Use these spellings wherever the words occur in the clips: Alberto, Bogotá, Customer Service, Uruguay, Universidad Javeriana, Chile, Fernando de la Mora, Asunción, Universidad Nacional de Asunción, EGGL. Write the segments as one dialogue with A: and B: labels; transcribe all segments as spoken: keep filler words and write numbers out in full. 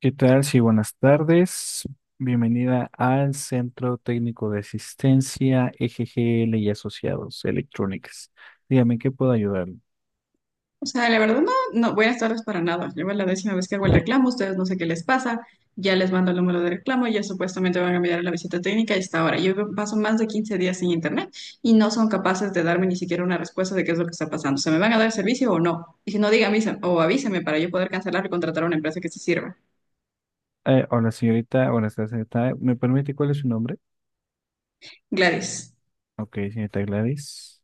A: ¿Qué tal? Sí, buenas tardes. Bienvenida al Centro Técnico de Asistencia E G G L y Asociados Electrónicas. Dígame, ¿en ¿qué puedo ayudarle?
B: O sea, la verdad no, no, buenas tardes para nada. Lleva la décima vez que hago el reclamo, ustedes no sé qué les pasa, ya les mando el número de reclamo, ya supuestamente van a enviar la visita técnica y está ahora. Yo paso más de quince días sin internet y no son capaces de darme ni siquiera una respuesta de qué es lo que está pasando. ¿Se me van a dar servicio o no? Y si no, dígame o avísame para yo poder cancelar y contratar a una empresa que se sirva.
A: Eh, hola, señorita. Hola, señorita. ¿Me permite cuál es su nombre?
B: Gladys.
A: Ok, señorita Gladys.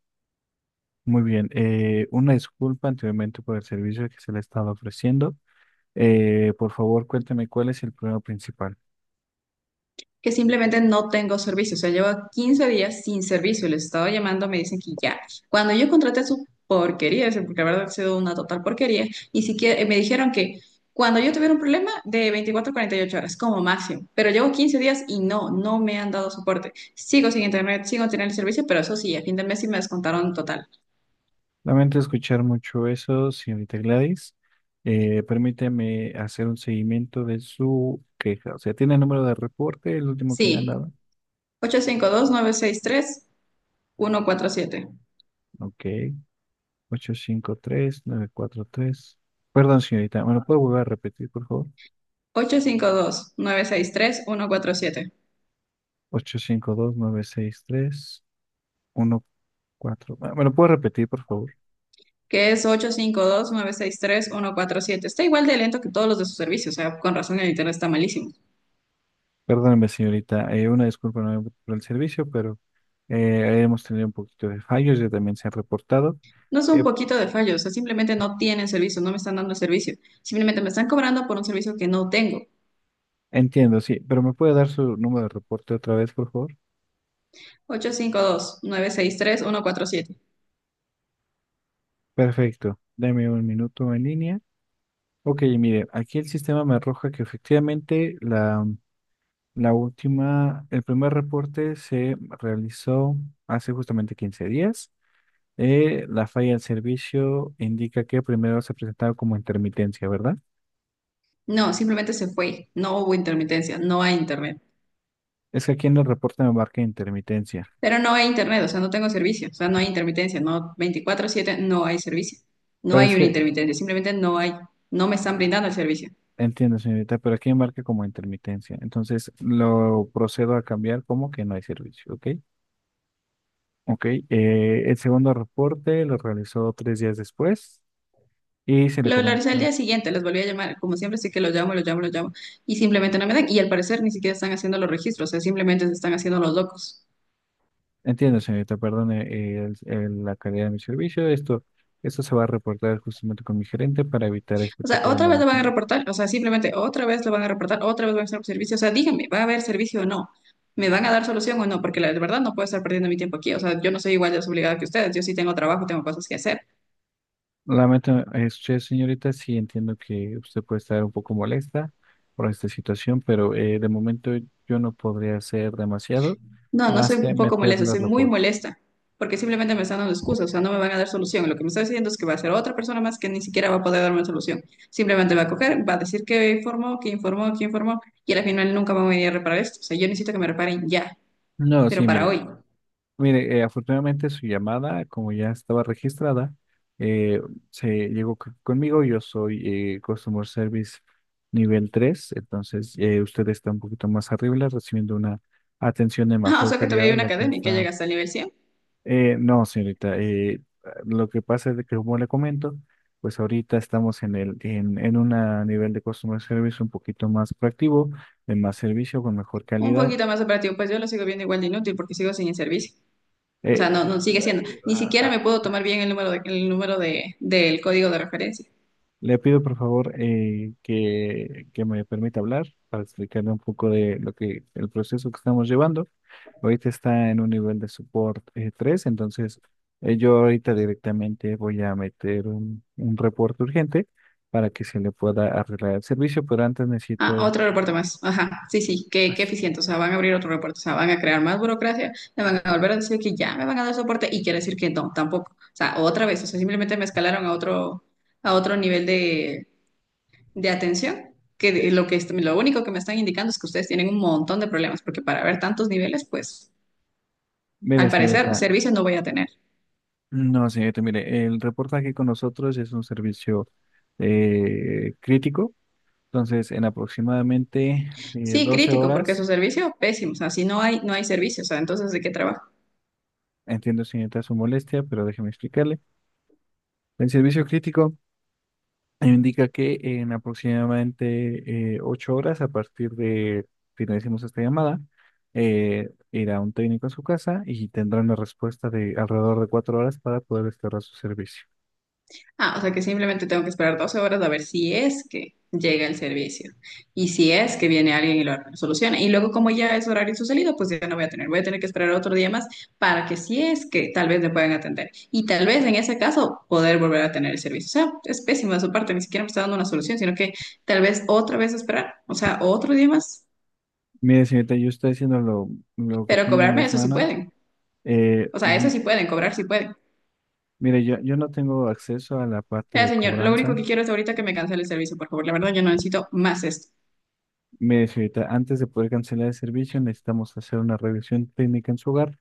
A: Muy bien. Eh, una disculpa anteriormente por el servicio que se le estaba ofreciendo. Eh, por favor, cuénteme cuál es el problema principal.
B: Que simplemente no tengo servicio. O sea, llevo quince días sin servicio. Les estaba llamando, me dicen que ya. Cuando yo contraté su porquería, ese- porque la verdad ha sido una total porquería, ni siquiera eh, me dijeron que cuando yo tuviera un problema de veinticuatro a cuarenta y ocho horas como máximo. Pero llevo quince días y no, no me han dado soporte. Sigo sin internet, sigo sin tener el servicio, pero eso sí, a fin de mes sí me descontaron total.
A: Lamento escuchar mucho eso, señorita Gladys. Eh, permítame hacer un seguimiento de su queja. O sea, ¿tiene el número de reporte, el último que le han
B: Sí,
A: dado?
B: ocho ocho cinco cinco dos dos nueve seis tres uno cuatro siete
A: Ok, ocho cinco tres nueve cuatro tres. Perdón, señorita, ¿me lo puedo volver a repetir, por favor?
B: ocho cinco dos nueve seis tres uno cuatro siete,
A: ocho cinco dos nueve seis tres-uno cuatro. Ah, ¿me lo puedo repetir, por favor?
B: que es ocho cinco dos, nueve seis tres-uno cuatro siete. Está igual de lento que todos los de su servicio, o sea, con razón el internet está malísimo.
A: Perdóneme, señorita. Eh, una disculpa nuevamente por el servicio, pero eh, hemos tenido un poquito de fallos, ya también se han reportado.
B: No es
A: Eh,
B: un poquito de fallo, o sea, simplemente no tienen servicio, no me están dando el servicio. Simplemente me están cobrando por un servicio que no tengo.
A: Entiendo, sí, pero ¿me puede dar su número de reporte otra vez, por favor?
B: ocho cinco dos, nueve seis tres-uno cuatro siete.
A: Perfecto, dame un minuto en línea. Ok, mire, aquí el sistema me arroja que efectivamente la, la última, el primer reporte se realizó hace justamente quince días. Eh, la falla del servicio indica que primero se presentaba como intermitencia, ¿verdad?
B: No, simplemente se fue. No hubo intermitencia, no hay internet.
A: Es que aquí en el reporte me marca intermitencia.
B: Pero no hay internet, o sea, no tengo servicio, o sea, no hay intermitencia, no veinticuatro siete, no hay servicio. No hay una
A: Parece,
B: intermitencia, simplemente no hay, no me están brindando el servicio.
A: Entiendo, señorita, pero aquí me marca como intermitencia. Entonces lo procedo a cambiar como que no hay servicio, ¿ok? Ok, eh, el segundo reporte lo realizó tres días después y se le
B: Lo, lo al
A: comentó.
B: día siguiente, les volví a llamar, como siempre, sí que los llamo, los llamo, los llamo, y simplemente no me dan, y al parecer ni siquiera están haciendo los registros, o sea, simplemente se están haciendo los locos.
A: Entiendo, señorita, perdone eh, el- el- la calidad de mi servicio. Esto, esto se va a reportar justamente con mi gerente para evitar este
B: O sea,
A: tipo de
B: otra vez lo van a
A: malentendidos.
B: reportar, o sea, simplemente otra vez lo van a reportar, otra vez van a hacer servicio, o sea, díganme, ¿va a haber servicio o no? ¿Me van a dar solución o no? Porque la verdad no puedo estar perdiendo mi tiempo aquí, o sea, yo no soy igual de desobligada que ustedes, yo sí tengo trabajo, tengo cosas que hacer.
A: Lamento, eh, usted, señorita, sí entiendo que usted puede estar un poco molesta por esta situación, pero eh, de momento yo no podría hacer demasiado
B: No, no
A: más
B: soy
A: que
B: un poco molesta,
A: meterle el
B: soy muy
A: reporte.
B: molesta, porque simplemente me están dando excusas, o sea, no me van a dar solución. Lo que me está diciendo es que va a ser otra persona más que ni siquiera va a poder darme solución. Simplemente va a coger, va a decir que informó, que informó, que informó, y al final nunca van a venir a reparar esto. O sea, yo necesito que me reparen ya,
A: No,
B: pero
A: sí,
B: para
A: mire.
B: hoy.
A: Mire, eh, afortunadamente su llamada, como ya estaba registrada, eh, se llegó c- conmigo. Yo soy eh, Customer Service nivel tres, entonces eh, usted está un poquito más arriba, recibiendo una atención de
B: Ah, o
A: mejor
B: sea, que
A: calidad
B: todavía hay
A: de
B: una
A: la que
B: cadena y que
A: está.
B: llega hasta el nivel cien.
A: Eh, no, señorita, eh, lo que pasa es de que, como le comento, pues ahorita estamos en el en, en un nivel de Customer Service un poquito más proactivo, de más servicio, con mejor
B: Un
A: calidad.
B: poquito más operativo, pues yo lo sigo viendo igual de inútil porque sigo sin el servicio. O sea, no,
A: Eh,
B: no sigue siendo. Ni siquiera me
A: eh,
B: puedo tomar bien el número de- el número de, del código de referencia.
A: Le pido por favor eh, que, que me permita hablar para explicarle un poco de lo que el proceso que estamos llevando. Ahorita está en un nivel de support eh, tres, entonces eh, yo ahorita directamente voy a meter un, un reporte urgente para que se le pueda arreglar el servicio, pero antes
B: Ah,
A: necesito
B: otro aeropuerto más. Ajá, sí, sí, qué, qué eficiente. O sea, van a abrir otro aeropuerto, o sea, van a crear más burocracia, me van a volver a decir que ya me van a dar soporte y quiere decir que no, tampoco. O sea, otra vez, o sea, simplemente me escalaron a otro, a otro nivel de, de atención, que de-
A: eh,
B: lo que, est- lo único que me están indicando es que ustedes tienen un montón de problemas, porque para ver tantos niveles, pues,
A: mire,
B: al parecer,
A: señorita,
B: servicio no voy a tener.
A: no, señorita, mire, el reportaje con nosotros es un servicio eh, crítico, entonces en aproximadamente eh,
B: Sí,
A: doce
B: crítico, porque
A: horas.
B: su servicio, pésimo. O sea, si no hay, no hay servicio, o sea, entonces, ¿de qué trabajo?
A: Entiendo, señorita, su molestia, pero déjeme explicarle. El servicio crítico indica que en aproximadamente eh, ocho horas, a partir de finalicemos esta llamada, eh, irá un técnico a su casa y tendrá una respuesta de alrededor de cuatro horas para poder restaurar su servicio.
B: Ah, o sea que simplemente tengo que esperar doce horas a ver si es que llega el servicio y si es que viene alguien y lo soluciona. Y luego como ya es horario su salido, pues ya no voy a tener, voy a tener que esperar otro día más para que si es que tal vez me puedan atender. Y tal vez en ese caso poder volver a tener el servicio. O sea, es pésimo de su parte, ni siquiera me está dando una solución, sino que tal vez otra vez esperar, o sea, otro día más,
A: Mire, señorita, yo estoy haciendo lo, lo que
B: pero
A: tengo en
B: cobrarme
A: mis
B: eso sí
A: manos.
B: pueden.
A: Eh,
B: O sea, eso
A: m-
B: sí pueden, cobrar sí pueden.
A: Mire, yo, yo no tengo acceso a la parte
B: Ya,
A: de
B: señor, lo único
A: cobranza.
B: que quiero es ahorita que me cancele el servicio, por favor. La verdad, yo no necesito más esto.
A: Mire, señorita, antes de poder cancelar el servicio, necesitamos hacer una revisión técnica en su hogar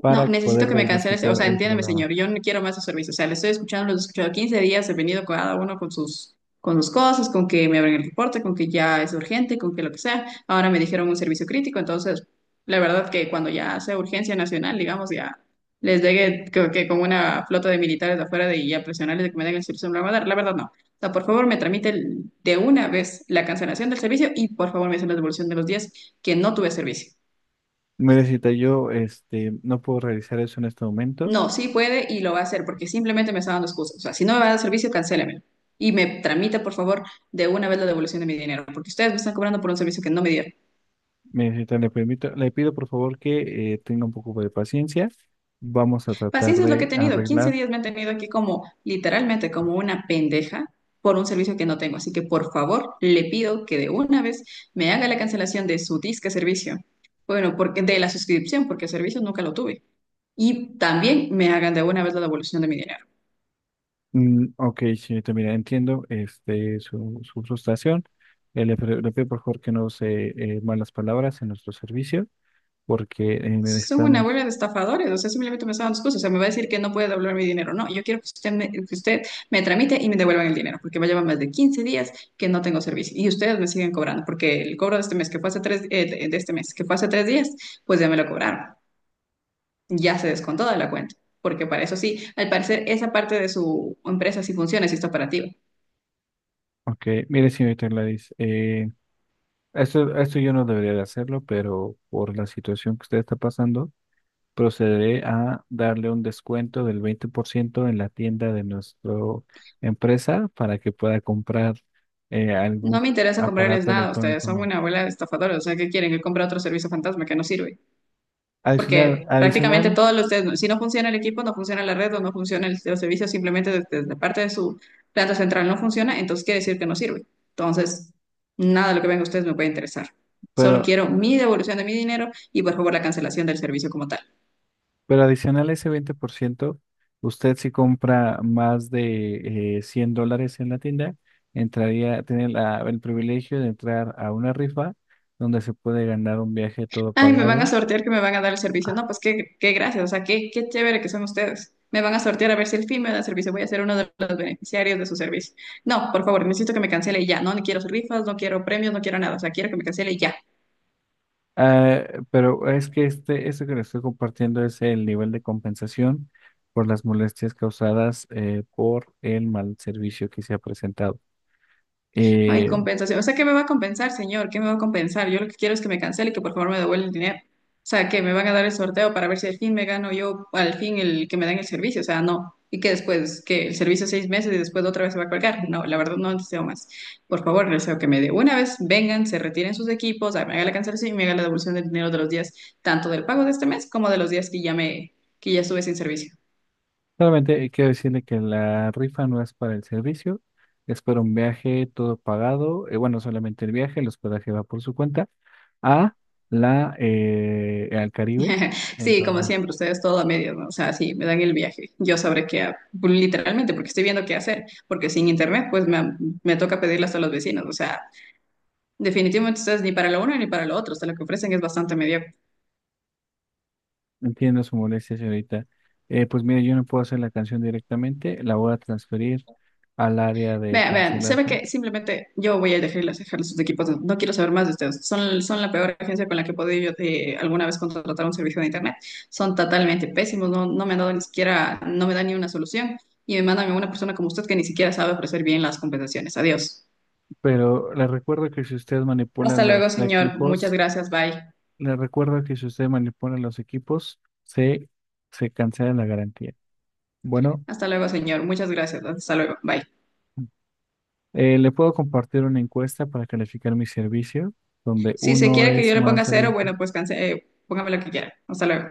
A: para
B: No, necesito
A: poder
B: que me canceles, o
A: diagnosticar
B: sea,
A: el
B: entiéndeme,
A: problema.
B: señor, yo no quiero más su servicio, o sea, le estoy escuchando, los he escuchado quince días, he venido cada uno con sus, con sus, cosas, con que me abren el reporte, con que ya es urgente, con que lo que sea, ahora me dijeron un servicio crítico, entonces, la verdad que cuando ya sea urgencia nacional, digamos, ya les llegue creo que con una flota de militares de afuera de, y a presionarles de que me den el servicio, me lo van a dar, la verdad no. O sea, por favor, me tramite el- de una vez la cancelación del servicio y por favor me hacen la devolución de los días que no tuve servicio.
A: Mire, señorita, yo este, no puedo realizar eso en este momento.
B: No, sí puede y lo va a hacer porque simplemente me está dando excusas. O sea, si no me va a dar servicio, cancélemelo. Y me tramita, por favor, de una vez la devolución de mi dinero, porque ustedes me están cobrando por un servicio que no me dieron.
A: Mire, señorita, le permito, le pido por favor que eh, tenga un poco de paciencia. Vamos a tratar
B: Paciencia es lo que he
A: de
B: tenido. Quince
A: arreglar.
B: días me han tenido aquí como, literalmente, como una pendeja por un servicio que no tengo. Así que, por favor, le pido que de una vez me haga la cancelación de su disque servicio. Bueno, porque de la suscripción, porque el servicio nunca lo tuve. Y también me hagan de una vez la devolución de mi dinero.
A: Mm, ok, señorita, mira, entiendo este, su, su frustración. Eh, le, pre- le pido por favor que no use eh, malas palabras en nuestro servicio porque eh,
B: Son una
A: necesitamos...
B: bola de estafadores, o sea, simplemente me están dando excusas, o sea, me va a decir que no puede devolver mi dinero, no, yo quiero que usted me, que usted me, tramite y me devuelvan el dinero, porque va a llevar más de quince días que no tengo servicio, y ustedes me siguen cobrando, porque el cobro de este mes, que fue hace tres, eh, de de este mes, que fue hace tres días, pues ya me lo cobraron, ya se descontó de la cuenta, porque para eso sí, al parecer esa parte de su empresa sí funciona, sí está operativa.
A: Ok, mire, señorita Gladys, eh, Eso, esto yo no debería de hacerlo, pero por la situación que usted está pasando, procederé a darle un descuento del veinte por ciento en la tienda de nuestra empresa para que pueda comprar eh,
B: No
A: algún
B: me interesa comprarles
A: aparato
B: nada, ustedes
A: electrónico
B: son
A: nuevo.
B: una bola de estafadores, o sea, ¿qué quieren? Que compre otro servicio fantasma que no sirve.
A: Adicional,
B: Porque prácticamente
A: adicional,
B: todos los, si no funciona el equipo, no funciona la red o no funciona el, los servicios, simplemente desde, la parte de su planta central no funciona, entonces quiere decir que no sirve. Entonces, nada de lo que venga a ustedes me puede interesar. Solo
A: pero,
B: quiero mi devolución de mi dinero y por favor la cancelación del servicio como tal.
A: pero adicional a ese veinte por ciento, usted si compra más de eh, cien dólares en la tienda, entraría, tiene la- el privilegio de entrar a una rifa donde se puede ganar un viaje todo
B: Ay, me van a
A: pagado.
B: sortear que me van a dar el servicio. No, pues qué, qué, gracias, o sea, qué, qué chévere que son ustedes. Me van a sortear a ver si el fin me da el servicio. Voy a ser uno de los beneficiarios de su servicio. No, por favor, necesito que me cancele ya. No, no quiero rifas, no quiero premios, no quiero nada. O sea, quiero que me cancele ya.
A: Ah, pero es que este, esto que les estoy compartiendo es el nivel de compensación por las molestias causadas eh, por el mal servicio que se ha presentado.
B: Ay,
A: Eh,
B: compensación. O sea, ¿qué me va a compensar, señor? ¿Qué me va a compensar? Yo lo que quiero es que me cancele y que por favor me devuelva el dinero. O sea, que me van a dar el sorteo para ver si al fin me gano yo, al fin el que me den el servicio. O sea, no. Y que después, que el servicio seis meses y después otra vez se va a colgar. No, la verdad no deseo más. Por favor, deseo que me dé una vez, vengan, se retiren sus equipos, me haga la cancelación y me haga la devolución del dinero de los días, tanto del pago de este mes como de los días que ya me, que ya estuve sin servicio.
A: Solamente quiero decirle que la rifa no es para el servicio, es para un viaje todo pagado. Eh, bueno, solamente el viaje, el hospedaje va por su cuenta a la eh, al Caribe.
B: Sí, como
A: Entonces,
B: siempre, ustedes todo a medias, ¿no? O sea, sí, me dan el viaje. Yo sabré qué, ha- pues, literalmente, porque estoy viendo qué hacer, porque sin internet, pues me, me toca pedirlas a los vecinos. O sea, definitivamente ustedes ni para lo uno ni para lo otro, o sea, lo que ofrecen es bastante mediocre.
A: Entiendo su molestia, señorita. Eh, pues mire, yo no puedo hacer la canción directamente, la voy a transferir al área de
B: Vean, vean, se ve
A: cancelación.
B: que simplemente yo voy a dejarles, dejarles sus equipos, no no quiero saber más de ustedes. Son, son la peor agencia con la que he podido yo, eh, alguna vez contratar un servicio de internet. Son totalmente pésimos, no, no me han dado ni siquiera, no me dan ni una solución. Y me mandan a una persona como usted que ni siquiera sabe ofrecer bien las compensaciones. Adiós.
A: Pero le recuerdo que si usted manipula
B: Hasta
A: los
B: luego, señor. Muchas
A: equipos,
B: gracias. Bye.
A: le recuerdo que si usted manipula los equipos, se, se cancela la garantía. Bueno,
B: Hasta luego, señor. Muchas gracias. Hasta luego. Bye.
A: eh, le puedo compartir una encuesta para calificar mi servicio, donde
B: Si se
A: uno
B: quiere que
A: es
B: yo le
A: más
B: ponga cero,
A: servicio.
B: bueno, pues canse, eh, póngame lo que quiera. Hasta luego.